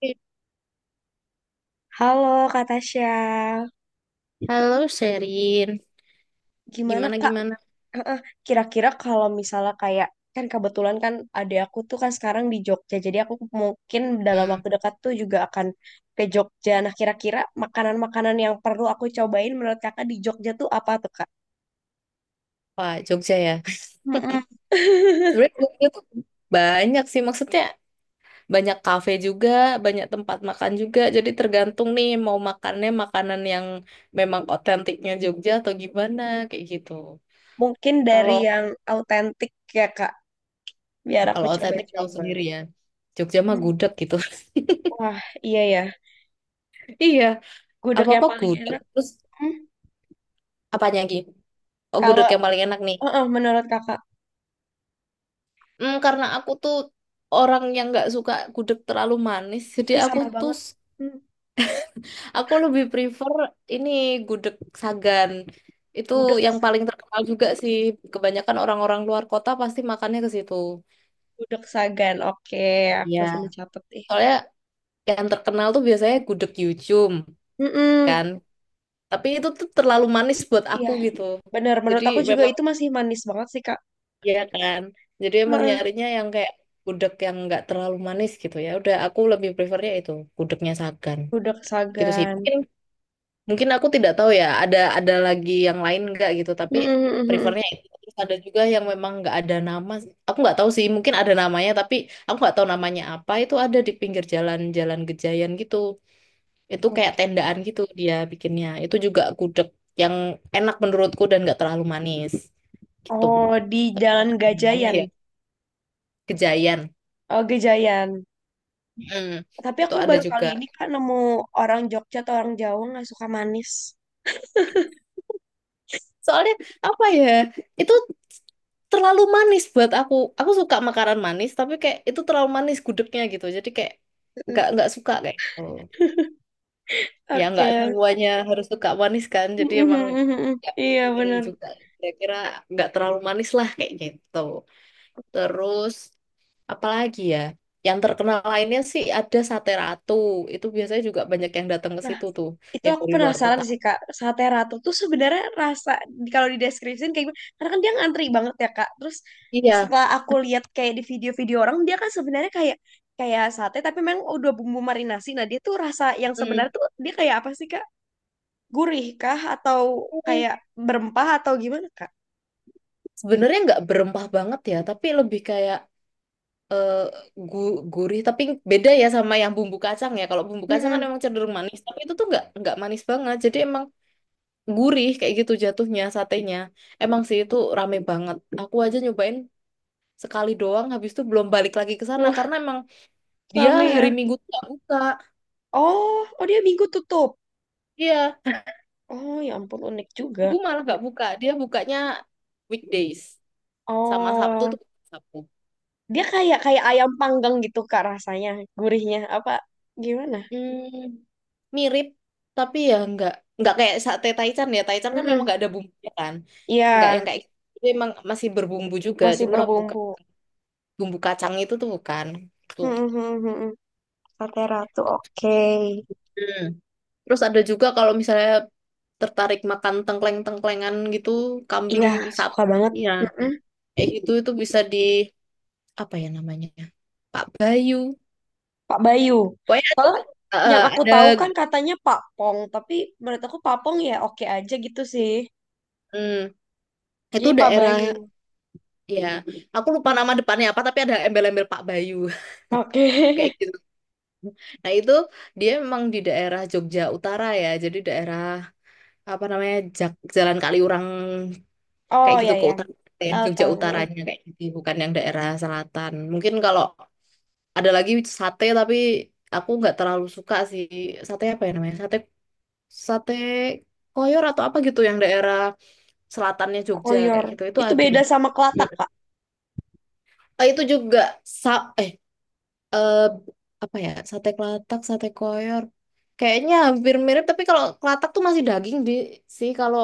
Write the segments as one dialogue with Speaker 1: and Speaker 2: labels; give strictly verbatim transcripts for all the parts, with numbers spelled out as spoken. Speaker 1: Iya.
Speaker 2: Halo Kak Tasya,
Speaker 1: Halo Sherin,
Speaker 2: gimana
Speaker 1: gimana
Speaker 2: Kak?
Speaker 1: gimana?
Speaker 2: Eh, Kira-kira kalau misalnya kayak kan kebetulan kan adik aku tuh kan sekarang di Jogja, jadi aku mungkin dalam
Speaker 1: Hmm,
Speaker 2: waktu dekat tuh juga akan ke Jogja. Nah, kira-kira makanan-makanan yang perlu aku cobain menurut Kakak di Jogja tuh apa tuh Kak?
Speaker 1: wah Jogja ya.
Speaker 2: Mm-mm.
Speaker 1: Sebenarnya Jogja tuh banyak sih maksudnya banyak kafe juga, banyak tempat makan juga. Jadi tergantung nih mau makannya makanan yang memang otentiknya Jogja atau gimana kayak gitu.
Speaker 2: Mungkin dari
Speaker 1: Kalau
Speaker 2: yang autentik ya Kak, biar aku
Speaker 1: kalau otentik tahu
Speaker 2: coba-coba.
Speaker 1: sendiri ya. Jogja mah
Speaker 2: Hmm.
Speaker 1: gudeg gitu.
Speaker 2: Wah, iya ya,
Speaker 1: Iya,
Speaker 2: gudeg yang
Speaker 1: apa-apa
Speaker 2: paling
Speaker 1: gudeg.
Speaker 2: enak.
Speaker 1: Terus
Speaker 2: hmm,
Speaker 1: apanya lagi? Oh,
Speaker 2: Kalau
Speaker 1: gudeg yang paling enak nih.
Speaker 2: eh, eh, menurut Kakak,
Speaker 1: Hmm, karena aku tuh orang yang nggak suka gudeg terlalu manis, jadi
Speaker 2: eh
Speaker 1: aku
Speaker 2: sama
Speaker 1: tuh
Speaker 2: banget. Hmm,
Speaker 1: aku lebih prefer ini gudeg Sagan. Itu
Speaker 2: gudeg
Speaker 1: yang paling terkenal juga sih. Kebanyakan orang-orang luar kota pasti makannya ke situ.
Speaker 2: Gudeg Sagan. Oke, aku
Speaker 1: Iya.
Speaker 2: sambil catet nih.
Speaker 1: Soalnya yang terkenal tuh biasanya gudeg Yucum kan.
Speaker 2: Mm-mm.
Speaker 1: Tapi itu tuh terlalu manis buat
Speaker 2: Iya,
Speaker 1: aku gitu.
Speaker 2: bener.
Speaker 1: Jadi
Speaker 2: Menurut aku juga
Speaker 1: memang
Speaker 2: itu masih manis banget sih, Kak.
Speaker 1: ya kan. Jadi emang
Speaker 2: Heeh,
Speaker 1: nyarinya yang kayak gudeg yang nggak terlalu manis gitu ya. Udah aku lebih prefernya itu gudegnya Sagan.
Speaker 2: Gudeg
Speaker 1: Gitu sih.
Speaker 2: Sagan.
Speaker 1: Mungkin Mungkin aku tidak tahu ya, ada ada lagi yang lain nggak gitu, tapi
Speaker 2: Mm-mm.
Speaker 1: prefernya itu. Terus ada juga yang memang nggak ada nama. Aku nggak tahu sih, mungkin ada namanya, tapi aku nggak tahu namanya apa. Itu ada di pinggir jalan-jalan Gejayan gitu. Itu kayak
Speaker 2: Oke.
Speaker 1: tendaan gitu dia bikinnya. Itu juga gudeg yang enak menurutku dan nggak terlalu manis gitu.
Speaker 2: Oh, di
Speaker 1: Tapi nggak
Speaker 2: Jalan
Speaker 1: tahu namanya
Speaker 2: Gajayan.
Speaker 1: ya Gejayan.
Speaker 2: Oh, Gejayan.
Speaker 1: Mm.
Speaker 2: Tapi
Speaker 1: Itu
Speaker 2: aku
Speaker 1: ada
Speaker 2: baru kali
Speaker 1: juga.
Speaker 2: ini, Kak, nemu orang Jogja atau orang Jawa nggak suka manis.
Speaker 1: Soalnya apa ya? Itu terlalu manis buat aku. Aku suka makanan manis, tapi kayak itu terlalu manis gudegnya gitu. Jadi kayak
Speaker 2: Heeh.
Speaker 1: nggak nggak suka kayak gitu. Ya nggak
Speaker 2: Oke.
Speaker 1: semuanya harus suka manis kan. Jadi emang
Speaker 2: Mm-mm.
Speaker 1: ya
Speaker 2: Iya,
Speaker 1: pasti milih
Speaker 2: bener.
Speaker 1: juga. Kira-kira nggak terlalu manis lah kayak gitu. Terus apalagi ya? Yang terkenal lainnya sih ada sate ratu. Itu biasanya juga banyak yang datang ke
Speaker 2: Nah,
Speaker 1: situ tuh,
Speaker 2: itu
Speaker 1: yang
Speaker 2: aku
Speaker 1: dari luar
Speaker 2: penasaran
Speaker 1: kota.
Speaker 2: sih kak sate ratu tuh sebenarnya rasa di- kalau dideskripsiin kayak gimana karena kan dia ngantri banget ya kak terus
Speaker 1: Iya.
Speaker 2: setelah aku lihat kayak di video-video orang dia kan sebenarnya kayak kayak sate tapi memang udah bumbu marinasi nah dia tuh rasa yang
Speaker 1: Hmm.
Speaker 2: sebenarnya tuh dia kayak apa sih kak gurih kah atau kayak berempah atau gimana kak.
Speaker 1: Sebenarnya nggak berempah banget ya, tapi lebih kayak eh, gu- gurih. Tapi beda ya sama yang bumbu kacang ya. Kalau bumbu kacang kan
Speaker 2: Mm-mm.
Speaker 1: emang cenderung manis, tapi itu tuh nggak nggak manis banget. Jadi emang gurih kayak gitu jatuhnya satenya. Emang sih itu rame banget. Aku aja nyobain sekali doang, habis itu belum balik lagi ke sana
Speaker 2: Uh,
Speaker 1: karena emang dia
Speaker 2: rame ya,
Speaker 1: hari Minggu tuh nggak buka.
Speaker 2: oh oh dia minggu tutup,
Speaker 1: Iya,
Speaker 2: oh ya ampun unik juga.
Speaker 1: gue malah nggak buka. Dia bukanya weekdays sama Sabtu
Speaker 2: Oh,
Speaker 1: tuh Sabtu.
Speaker 2: dia kayak kayak ayam panggang gitu Kak rasanya, gurihnya apa gimana?
Speaker 1: Hmm, mirip tapi ya nggak nggak kayak sate Taichan ya Taichan kan memang
Speaker 2: Mm-mm.
Speaker 1: nggak ada bumbunya kan nggak
Speaker 2: Iya,
Speaker 1: yang kayak gitu. Itu emang masih berbumbu juga
Speaker 2: masih
Speaker 1: cuma bukan
Speaker 2: berbumbu.
Speaker 1: bumbu kacang itu tuh bukan tuh.
Speaker 2: Mm-mm-mm-mm. Sate ratu, oke.
Speaker 1: Hmm, terus ada juga kalau misalnya tertarik makan tengkleng-tengklengan gitu kambing
Speaker 2: Iya, suka
Speaker 1: sapi
Speaker 2: banget.
Speaker 1: ya
Speaker 2: Mm-mm.
Speaker 1: kayak gitu itu bisa di apa ya namanya Pak Bayu
Speaker 2: Pak Bayu.
Speaker 1: pokoknya
Speaker 2: Soalnya
Speaker 1: ada
Speaker 2: kan yang
Speaker 1: eh,
Speaker 2: aku
Speaker 1: ada,
Speaker 2: tahu kan katanya Pak Pong, tapi menurut aku Pak Pong ya oke aja gitu sih.
Speaker 1: hmm, itu
Speaker 2: Jadi Pak
Speaker 1: daerah.
Speaker 2: Bayu.
Speaker 1: Iya, aku lupa nama depannya apa, tapi ada embel-embel Pak Bayu
Speaker 2: Oke.
Speaker 1: kayak gitu. Nah itu dia memang di daerah Jogja Utara ya, jadi daerah apa namanya Jak Jalan Kaliurang kayak
Speaker 2: Oh
Speaker 1: gitu
Speaker 2: ya
Speaker 1: ke
Speaker 2: ya,
Speaker 1: utara, ya,
Speaker 2: tahu
Speaker 1: Jogja
Speaker 2: tahu. Mm-mm.
Speaker 1: Utaranya kayak gitu, bukan yang daerah selatan. Mungkin kalau ada lagi sate, tapi aku nggak terlalu suka sih sate apa ya namanya sate sate koyor atau apa gitu yang daerah selatannya Jogja
Speaker 2: Koyor.
Speaker 1: kayak gitu itu
Speaker 2: Itu
Speaker 1: ada.
Speaker 2: beda sama kelatak, Kak.
Speaker 1: Eh, itu juga sa eh eh apa ya sate kelatak sate koyor kayaknya hampir mirip tapi kalau kelatak tuh masih daging di sih kalau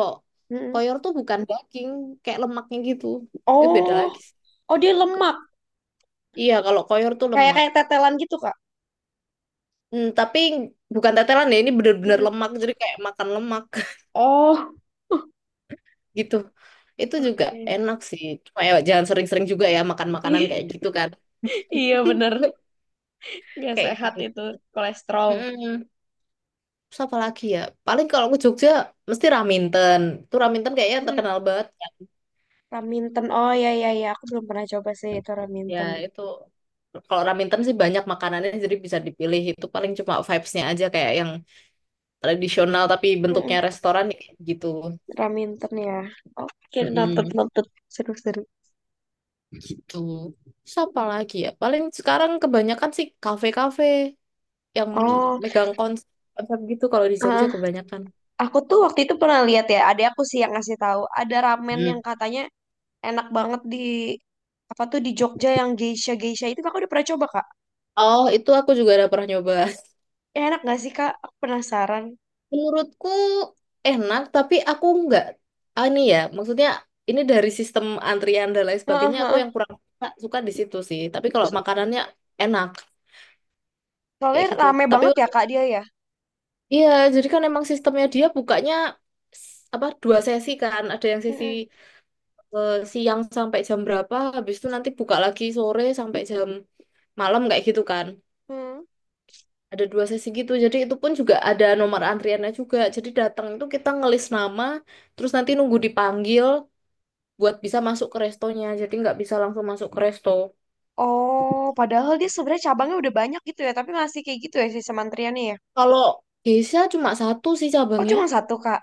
Speaker 2: Mm-mm.
Speaker 1: koyor tuh bukan daging kayak lemaknya gitu itu beda
Speaker 2: Oh,
Speaker 1: lagi sih.
Speaker 2: oh dia lemak.
Speaker 1: Iya kalau koyor tuh
Speaker 2: Kayak
Speaker 1: lemak.
Speaker 2: kayak tetelan gitu, Kak.
Speaker 1: Hmm, tapi bukan tetelan ya ini bener-bener
Speaker 2: Mm-mm.
Speaker 1: lemak jadi kayak makan lemak
Speaker 2: Oh,
Speaker 1: gitu itu juga
Speaker 2: oke.
Speaker 1: enak sih cuma ya jangan sering-sering juga ya makan makanan kayak gitu kan.
Speaker 2: Iya bener, nggak
Speaker 1: Kayak
Speaker 2: sehat
Speaker 1: gitu.
Speaker 2: itu kolesterol.
Speaker 1: Mm-mm. Terus apa lagi ya? Paling kalau ke Jogja mesti Raminten. Tuh Raminten kayaknya
Speaker 2: Mm-mm.
Speaker 1: terkenal banget.
Speaker 2: Raminten. Oh ya ya ya, aku belum pernah coba sih itu
Speaker 1: Ya
Speaker 2: Raminten.
Speaker 1: itu kalau Raminten sih banyak makanannya jadi bisa dipilih. Itu paling cuma vibes-nya aja kayak yang tradisional tapi bentuknya
Speaker 2: Mm-mm.
Speaker 1: restoran ya kayak gitu.
Speaker 2: Raminten ya. Oke, noted
Speaker 1: Mm-mm,
Speaker 2: noted. Seru-seru.
Speaker 1: gitu. Terus apa lagi ya? Paling sekarang kebanyakan sih kafe-kafe yang
Speaker 2: Oh,
Speaker 1: megang konsep, konsep gitu kalau di Jogja
Speaker 2: ah,
Speaker 1: kebanyakan.
Speaker 2: aku tuh waktu itu pernah lihat ya, ada aku sih yang ngasih tahu, ada ramen yang
Speaker 1: Hmm.
Speaker 2: katanya enak banget di apa tuh di Jogja yang geisha geisha itu kakak udah pernah coba kak?
Speaker 1: Oh, itu aku juga udah pernah nyoba.
Speaker 2: Ya, enak gak sih kak? Aku penasaran.
Speaker 1: Menurutku enak, tapi aku nggak, ah, ini ya, maksudnya ini dari sistem antrian dan lain
Speaker 2: Heeh,
Speaker 1: sebagainya, aku
Speaker 2: heeh.
Speaker 1: yang kurang suka, suka di situ sih. Tapi kalau makanannya enak, kayak
Speaker 2: Soalnya
Speaker 1: gitu.
Speaker 2: rame
Speaker 1: Tapi
Speaker 2: banget ya
Speaker 1: untuk-
Speaker 2: kak dia ya.
Speaker 1: iya, jadi kan emang sistemnya dia bukanya s- apa dua sesi kan, ada yang sesi
Speaker 2: Mm-mm.
Speaker 1: eh, siang sampai jam berapa, habis itu nanti buka lagi sore sampai jam malam kayak gitu kan.
Speaker 2: Hmm.
Speaker 1: Ada dua sesi gitu, jadi itu pun juga ada nomor antriannya juga. Jadi datang itu kita ngelis nama, terus nanti nunggu dipanggil buat bisa masuk ke restonya. Jadi nggak bisa langsung masuk ke resto.
Speaker 2: Oh, padahal dia sebenarnya cabangnya udah banyak gitu ya, tapi masih kayak gitu ya si antriannya ya.
Speaker 1: Kalau Geisha cuma satu sih
Speaker 2: Oh,
Speaker 1: cabangnya.
Speaker 2: cuma satu, Kak.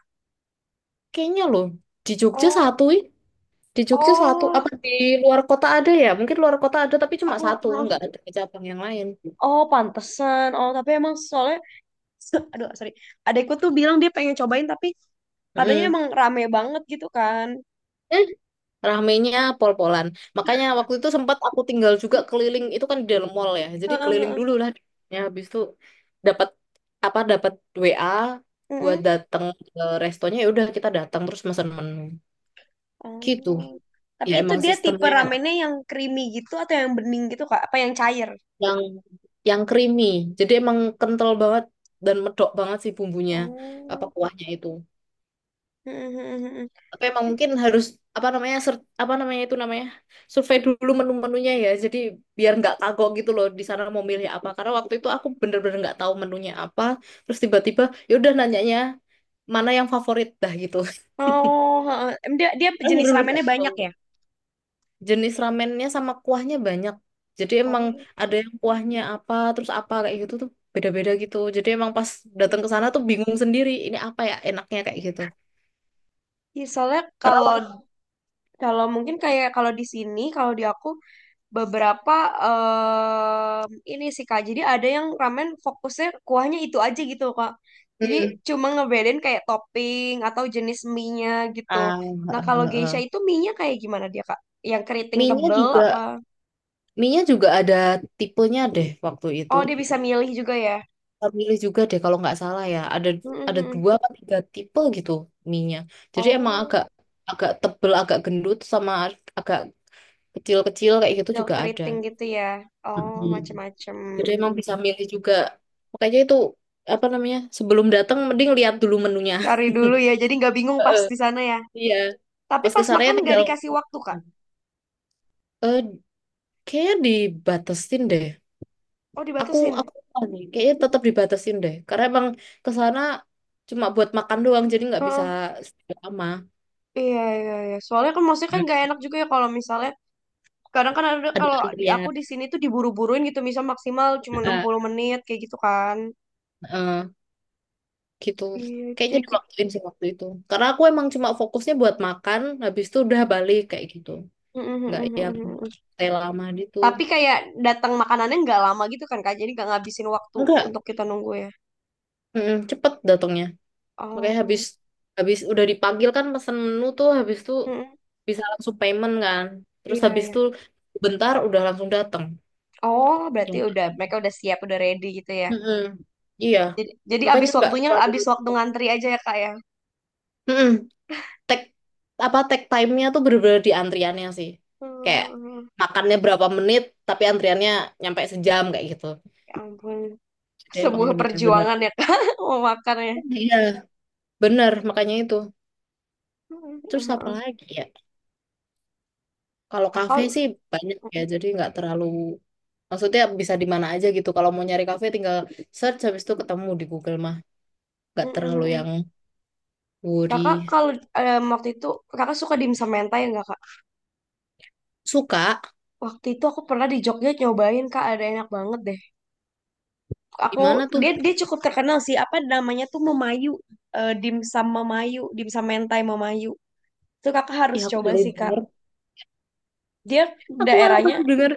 Speaker 1: Kayaknya loh, di Jogja
Speaker 2: Oh,
Speaker 1: satu ih. Di Jogja satu,
Speaker 2: oh,
Speaker 1: apa di luar kota ada ya? Mungkin luar kota ada tapi cuma
Speaker 2: aku,
Speaker 1: satu,
Speaker 2: ah,
Speaker 1: nggak ada cabang yang lain.
Speaker 2: oh, pantesan. Oh, tapi emang soalnya, aduh, sorry. Adekku tuh bilang dia pengen cobain, tapi katanya
Speaker 1: Mm.
Speaker 2: emang rame banget gitu kan.
Speaker 1: Eh, ramenya pol-polan. Makanya waktu itu sempat aku tinggal juga keliling, itu kan di dalam mall ya. Jadi
Speaker 2: Heeh,
Speaker 1: keliling
Speaker 2: heeh.
Speaker 1: dulu lah. Ya, habis itu dapat apa dapat W A buat
Speaker 2: Mm-mm.
Speaker 1: datang ke restonya ya udah kita datang terus mesen menu. Gitu.
Speaker 2: Oh.
Speaker 1: Ya
Speaker 2: Tapi itu
Speaker 1: emang
Speaker 2: dia tipe
Speaker 1: sistemnya yang
Speaker 2: ramennya yang creamy gitu atau yang bening gitu, Kak? Apa yang cair?
Speaker 1: yang yang creamy. Jadi emang kental banget dan medok banget sih bumbunya apa
Speaker 2: Oh,
Speaker 1: kuahnya itu.
Speaker 2: heeh, heeh, heeh.
Speaker 1: Tapi emang mungkin harus apa namanya ser- apa namanya itu namanya survei dulu menu-menunya ya. Jadi biar nggak kagok gitu loh di sana mau milih apa. Karena waktu itu aku bener-bener nggak tahu menunya apa. Terus tiba-tiba ya udah nanyanya mana yang favorit dah gitu.
Speaker 2: Oh, heeh. Em, dia, dia
Speaker 1: Aku
Speaker 2: jenis
Speaker 1: bener-bener
Speaker 2: ramennya
Speaker 1: nggak tahu
Speaker 2: banyak ya?
Speaker 1: jenis ramennya sama kuahnya banyak. Jadi emang
Speaker 2: Oh,
Speaker 1: ada yang kuahnya apa, terus apa kayak gitu tuh beda-beda gitu. Jadi emang pas datang ke
Speaker 2: oke.
Speaker 1: sana tuh bingung sendiri, ini apa ya enaknya kayak gitu.
Speaker 2: Ya, soalnya
Speaker 1: Karena
Speaker 2: kalau
Speaker 1: wak-
Speaker 2: kalau mungkin kayak kalau di sini, kalau di aku beberapa em, ini sih Kak. Jadi ada yang ramen fokusnya kuahnya itu aja gitu Kak. Jadi
Speaker 1: hmm,
Speaker 2: cuma ngebedain kayak topping atau jenis mie-nya gitu.
Speaker 1: ah,
Speaker 2: Nah, kalau
Speaker 1: eh,
Speaker 2: geisha
Speaker 1: eh.
Speaker 2: itu mie-nya kayak gimana dia Kak? Yang keriting
Speaker 1: Mie-nya
Speaker 2: tebel
Speaker 1: juga
Speaker 2: apa?
Speaker 1: mie-nya juga ada tipenya deh waktu itu.
Speaker 2: Oh, dia bisa milih juga ya.
Speaker 1: Kita milih juga deh kalau nggak salah ya. Ada ada
Speaker 2: Mhm.
Speaker 1: dua atau tiga tipe gitu mie-nya. Jadi emang
Speaker 2: Oh,
Speaker 1: agak agak tebel, agak gendut sama agak kecil-kecil kayak gitu
Speaker 2: yang
Speaker 1: juga ada.
Speaker 2: keriting gitu ya. Oh,
Speaker 1: Mm-mm.
Speaker 2: macem-macem.
Speaker 1: Jadi emang bisa milih juga. Makanya itu apa namanya? Sebelum datang mending lihat dulu menunya.
Speaker 2: Cari dulu ya. Jadi nggak bingung pas
Speaker 1: Heeh.
Speaker 2: di sana ya.
Speaker 1: Iya.
Speaker 2: Tapi
Speaker 1: Pas ke
Speaker 2: pas
Speaker 1: sana ya
Speaker 2: makan nggak
Speaker 1: tinggal
Speaker 2: dikasih waktu, Kak.
Speaker 1: eh kayaknya dibatasin deh.
Speaker 2: Oh,
Speaker 1: Aku
Speaker 2: dibatasin.
Speaker 1: aku lupa nih, kayaknya tetap dibatasin deh. Karena emang ke sana cuma buat makan doang jadi nggak bisa
Speaker 2: Heeh.
Speaker 1: sekian lama.
Speaker 2: Iya, iya, iya. Soalnya kan maksudnya kan
Speaker 1: Hmm.
Speaker 2: nggak enak juga ya kalau misalnya kadang kan ada
Speaker 1: Ada
Speaker 2: kalau di aku
Speaker 1: antrian.
Speaker 2: di sini tuh diburu-buruin gitu, misal maksimal cuma enam
Speaker 1: Heeh,
Speaker 2: puluh menit kayak gitu kan.
Speaker 1: heeh, gitu.
Speaker 2: Iya, itu
Speaker 1: Kayaknya
Speaker 2: jadi kayak-
Speaker 1: diwaktuin sih waktu itu. Karena aku emang cuma fokusnya buat makan, habis itu udah balik kayak gitu.
Speaker 2: Mm, mm,
Speaker 1: Nggak
Speaker 2: mm, mm,
Speaker 1: yang
Speaker 2: mm, mm.
Speaker 1: stay lama gitu.
Speaker 2: Tapi kayak datang makanannya nggak lama gitu kan Kak, jadi nggak ngabisin waktu
Speaker 1: Enggak.
Speaker 2: untuk kita nunggu ya.
Speaker 1: Mm, cepet datangnya makanya habis
Speaker 2: Oh,
Speaker 1: habis udah dipanggil kan pesen menu tuh habis tuh
Speaker 2: Mm-mm.
Speaker 1: bisa langsung payment kan terus
Speaker 2: Iya
Speaker 1: habis
Speaker 2: iya.
Speaker 1: tuh bentar udah langsung datang.
Speaker 2: Oh, berarti
Speaker 1: Ya.
Speaker 2: udah mereka udah siap, udah ready gitu ya.
Speaker 1: Mm-mm. Iya
Speaker 2: Jadi, jadi
Speaker 1: makanya
Speaker 2: abis
Speaker 1: nggak
Speaker 2: waktunya,
Speaker 1: terlalu,
Speaker 2: abis waktu ngantri aja ya Kak ya.
Speaker 1: mm, Take- apa take time-nya tuh bener-bener di antriannya sih kayak
Speaker 2: Hmm,
Speaker 1: makannya berapa menit tapi antriannya nyampe sejam kayak gitu
Speaker 2: ya ampun.
Speaker 1: jadi emang
Speaker 2: Sebuah
Speaker 1: bener-bener
Speaker 2: perjuangan ya kak memakannya.
Speaker 1: iya bener makanya itu terus apa
Speaker 2: Mhm.
Speaker 1: lagi ya. Kalau kafe
Speaker 2: Kakak.
Speaker 1: sih banyak ya, jadi nggak terlalu, maksudnya bisa di mana aja gitu. Kalau mau nyari kafe tinggal search habis itu ketemu di Google mah, nggak terlalu yang
Speaker 2: Mhm. Kakak
Speaker 1: worry.
Speaker 2: kalau em, waktu itu kakak suka dimsum mentai nggak kak,
Speaker 1: Suka
Speaker 2: waktu itu aku pernah di Jogja nyobain kak ada enak banget deh,
Speaker 1: di mana
Speaker 2: aku
Speaker 1: tuh?
Speaker 2: dia dia cukup terkenal sih apa namanya tuh memayu. Eh, dimsum memayu dimsum mentai memayu itu kakak
Speaker 1: Ya
Speaker 2: harus
Speaker 1: aku baru
Speaker 2: coba sih kak.
Speaker 1: denger,
Speaker 2: Dia
Speaker 1: aku malah
Speaker 2: daerahnya
Speaker 1: baru denger.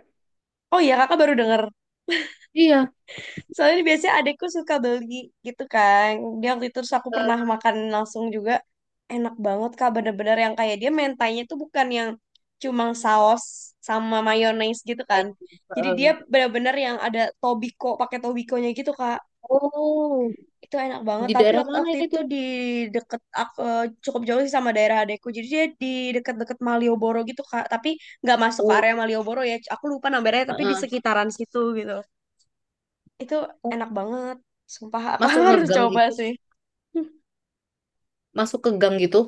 Speaker 2: Oh iya kakak baru denger.
Speaker 1: Iya,
Speaker 2: Soalnya biasanya adekku suka beli gitu kan. Dia waktu itu terus aku pernah
Speaker 1: eh,
Speaker 2: makan langsung juga. Enak banget Kak, bener-bener yang kayak dia mentainya tuh bukan yang cuma saus sama mayones gitu
Speaker 1: Thai.
Speaker 2: kan. Jadi dia
Speaker 1: Eh,
Speaker 2: bener-bener yang ada tobiko, pakai tobikonya gitu Kak.
Speaker 1: oh
Speaker 2: Itu enak banget,
Speaker 1: di
Speaker 2: tapi
Speaker 1: daerah
Speaker 2: wak-
Speaker 1: mana
Speaker 2: waktu
Speaker 1: itu?
Speaker 2: itu di deket aku cukup jauh sih sama daerah adekku. Jadi dia di deket-deket Malioboro gitu Kak, tapi nggak masuk ke
Speaker 1: Oh,
Speaker 2: area Malioboro ya. Aku lupa namanya, tapi di
Speaker 1: heeh.
Speaker 2: sekitaran situ gitu. Itu
Speaker 1: Oh,
Speaker 2: enak banget. Sumpah, Kakak
Speaker 1: masuk
Speaker 2: harus
Speaker 1: ngegang
Speaker 2: coba
Speaker 1: gitu,
Speaker 2: sih.
Speaker 1: masuk ke gang gitu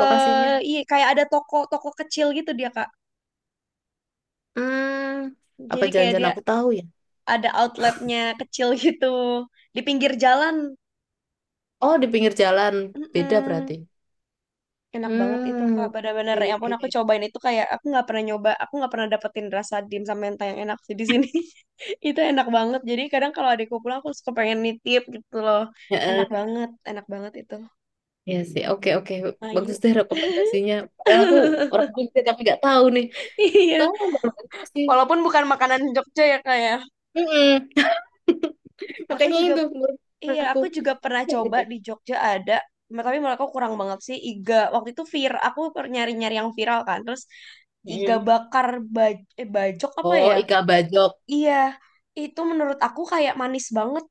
Speaker 1: lokasinya.
Speaker 2: Eh iya, kayak ada toko-toko kecil gitu dia, Kak.
Speaker 1: Hmm, apa
Speaker 2: Jadi kayak
Speaker 1: jangan-jangan
Speaker 2: dia
Speaker 1: aku tahu ya?
Speaker 2: ada outletnya kecil gitu di pinggir jalan.
Speaker 1: Oh di pinggir jalan, beda berarti.
Speaker 2: Mm-mm. Enak banget itu,
Speaker 1: Hmm,
Speaker 2: Kak. Bener-bener.
Speaker 1: oke
Speaker 2: Ya
Speaker 1: oke.
Speaker 2: ampun, aku cobain itu kayak aku nggak pernah nyoba. Aku nggak pernah dapetin rasa dim sama mentah yang enak sih di sini. Itu enak banget. Jadi kadang kalau adikku pulang, aku suka pengen nitip gitu loh. Enak
Speaker 1: Heeh,
Speaker 2: banget. Enak banget itu.
Speaker 1: ya, sih, oke oke. Bagus
Speaker 2: Ayo.
Speaker 1: deh rekomendasinya. Padahal aku orang Jogja tapi nggak tahu nih. Tahu
Speaker 2: Iya.
Speaker 1: aku baru sih.
Speaker 2: Walaupun bukan makanan Jogja ya, Kak, ya.
Speaker 1: Mm-mm.
Speaker 2: Aku
Speaker 1: Makanya
Speaker 2: juga
Speaker 1: itu menurut
Speaker 2: iya,
Speaker 1: aku.
Speaker 2: aku juga pernah
Speaker 1: Oke
Speaker 2: coba
Speaker 1: deh.
Speaker 2: di Jogja ada, ma- tapi menurut aku kurang banget sih iga. Waktu itu vir, aku per- nyari-nyari yang viral kan. Terus iga
Speaker 1: Mm.
Speaker 2: bakar baj eh, bajok apa
Speaker 1: Oh,
Speaker 2: ya?
Speaker 1: Ika Bajok.
Speaker 2: Iya, itu menurut aku kayak manis banget.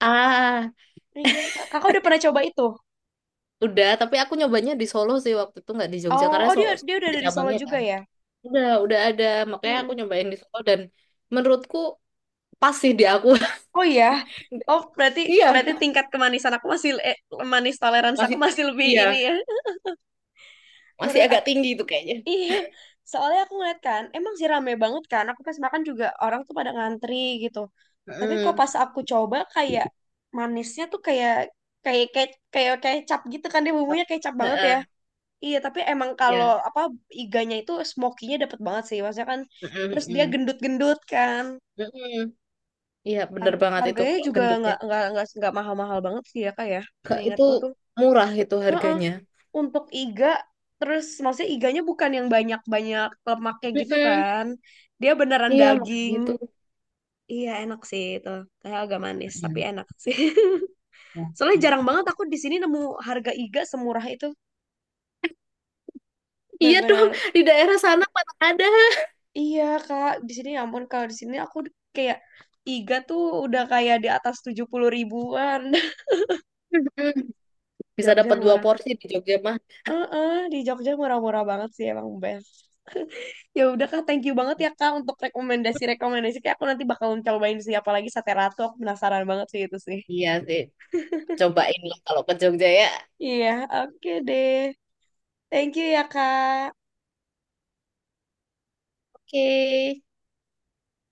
Speaker 1: Ah,
Speaker 2: Iya. Kakak udah pernah coba itu?
Speaker 1: udah. Tapi aku nyobanya di Solo sih waktu itu nggak di Jogja
Speaker 2: Oh,
Speaker 1: karena
Speaker 2: oh
Speaker 1: so
Speaker 2: dia
Speaker 1: so-
Speaker 2: dia udah
Speaker 1: ada
Speaker 2: ada di Solo
Speaker 1: cabangnya
Speaker 2: juga
Speaker 1: kan.
Speaker 2: ya?
Speaker 1: Udah, udah ada. Makanya aku
Speaker 2: Mm-mm.
Speaker 1: nyobain di Solo dan menurutku pas sih di aku.
Speaker 2: Oh iya. Oh, berarti
Speaker 1: Iya,
Speaker 2: berarti tingkat kemanisan aku masih eh, manis toleransi
Speaker 1: masih
Speaker 2: aku masih lebih
Speaker 1: iya,
Speaker 2: ini ya.
Speaker 1: masih
Speaker 2: Menurut
Speaker 1: agak
Speaker 2: aku
Speaker 1: tinggi itu kayaknya.
Speaker 2: Iya, soalnya aku ngeliat kan, emang sih rame banget kan. Aku pas makan juga orang tuh pada ngantri gitu. Tapi kok pas
Speaker 1: Mm.
Speaker 2: aku coba kayak manisnya tuh kayak kayak kayak kayak kecap gitu kan dia bumbunya kecap banget ya.
Speaker 1: Heeh,
Speaker 2: Iya, tapi emang kalau
Speaker 1: iya.
Speaker 2: apa iganya itu smokinya dapet banget sih. Maksudnya kan
Speaker 1: Mm-mm,
Speaker 2: terus dia
Speaker 1: mm-mm.
Speaker 2: gendut-gendut kan.
Speaker 1: Mm-mm. Iya, bener
Speaker 2: Har-
Speaker 1: banget itu
Speaker 2: Harganya
Speaker 1: kalau
Speaker 2: juga
Speaker 1: gendutnya.
Speaker 2: nggak nggak nggak nggak mahal-mahal banget sih ya kak ya.
Speaker 1: Kak, itu
Speaker 2: Seingatku tuh.
Speaker 1: murah itu
Speaker 2: Heeh.
Speaker 1: harganya.
Speaker 2: Untuk iga terus maksudnya iganya bukan yang banyak-banyak lemaknya gitu
Speaker 1: Mm-mm.
Speaker 2: kan. Dia beneran
Speaker 1: Iya, makanya
Speaker 2: daging.
Speaker 1: itu.
Speaker 2: Iya enak sih itu. Kayak agak manis tapi
Speaker 1: Mm.
Speaker 2: enak sih. Soalnya jarang banget aku di sini nemu harga iga semurah itu.
Speaker 1: Iya dong,
Speaker 2: Bener-bener
Speaker 1: di daerah sana mana ada.
Speaker 2: iya Kak, di sini ya ampun kalau di sini aku kayak iga tuh udah kayak di atas tujuh puluh ribuan.
Speaker 1: Mm-mm. Bisa
Speaker 2: Jogja
Speaker 1: dapat dua
Speaker 2: murah.
Speaker 1: porsi di Jogja mah.
Speaker 2: Heeh, di Jogja murah-murah banget sih emang best. Ya udah Kak, thank you banget ya Kak untuk rekomendasi-rekomendasi. Kayak aku nanti bakalan cobain sih apalagi sate ratu. Aku penasaran banget sih itu sih.
Speaker 1: Iya sih, cobain lah kalau ke Jogja ya.
Speaker 2: Iya, oke deh. Thank you ya Kak.
Speaker 1: Oke.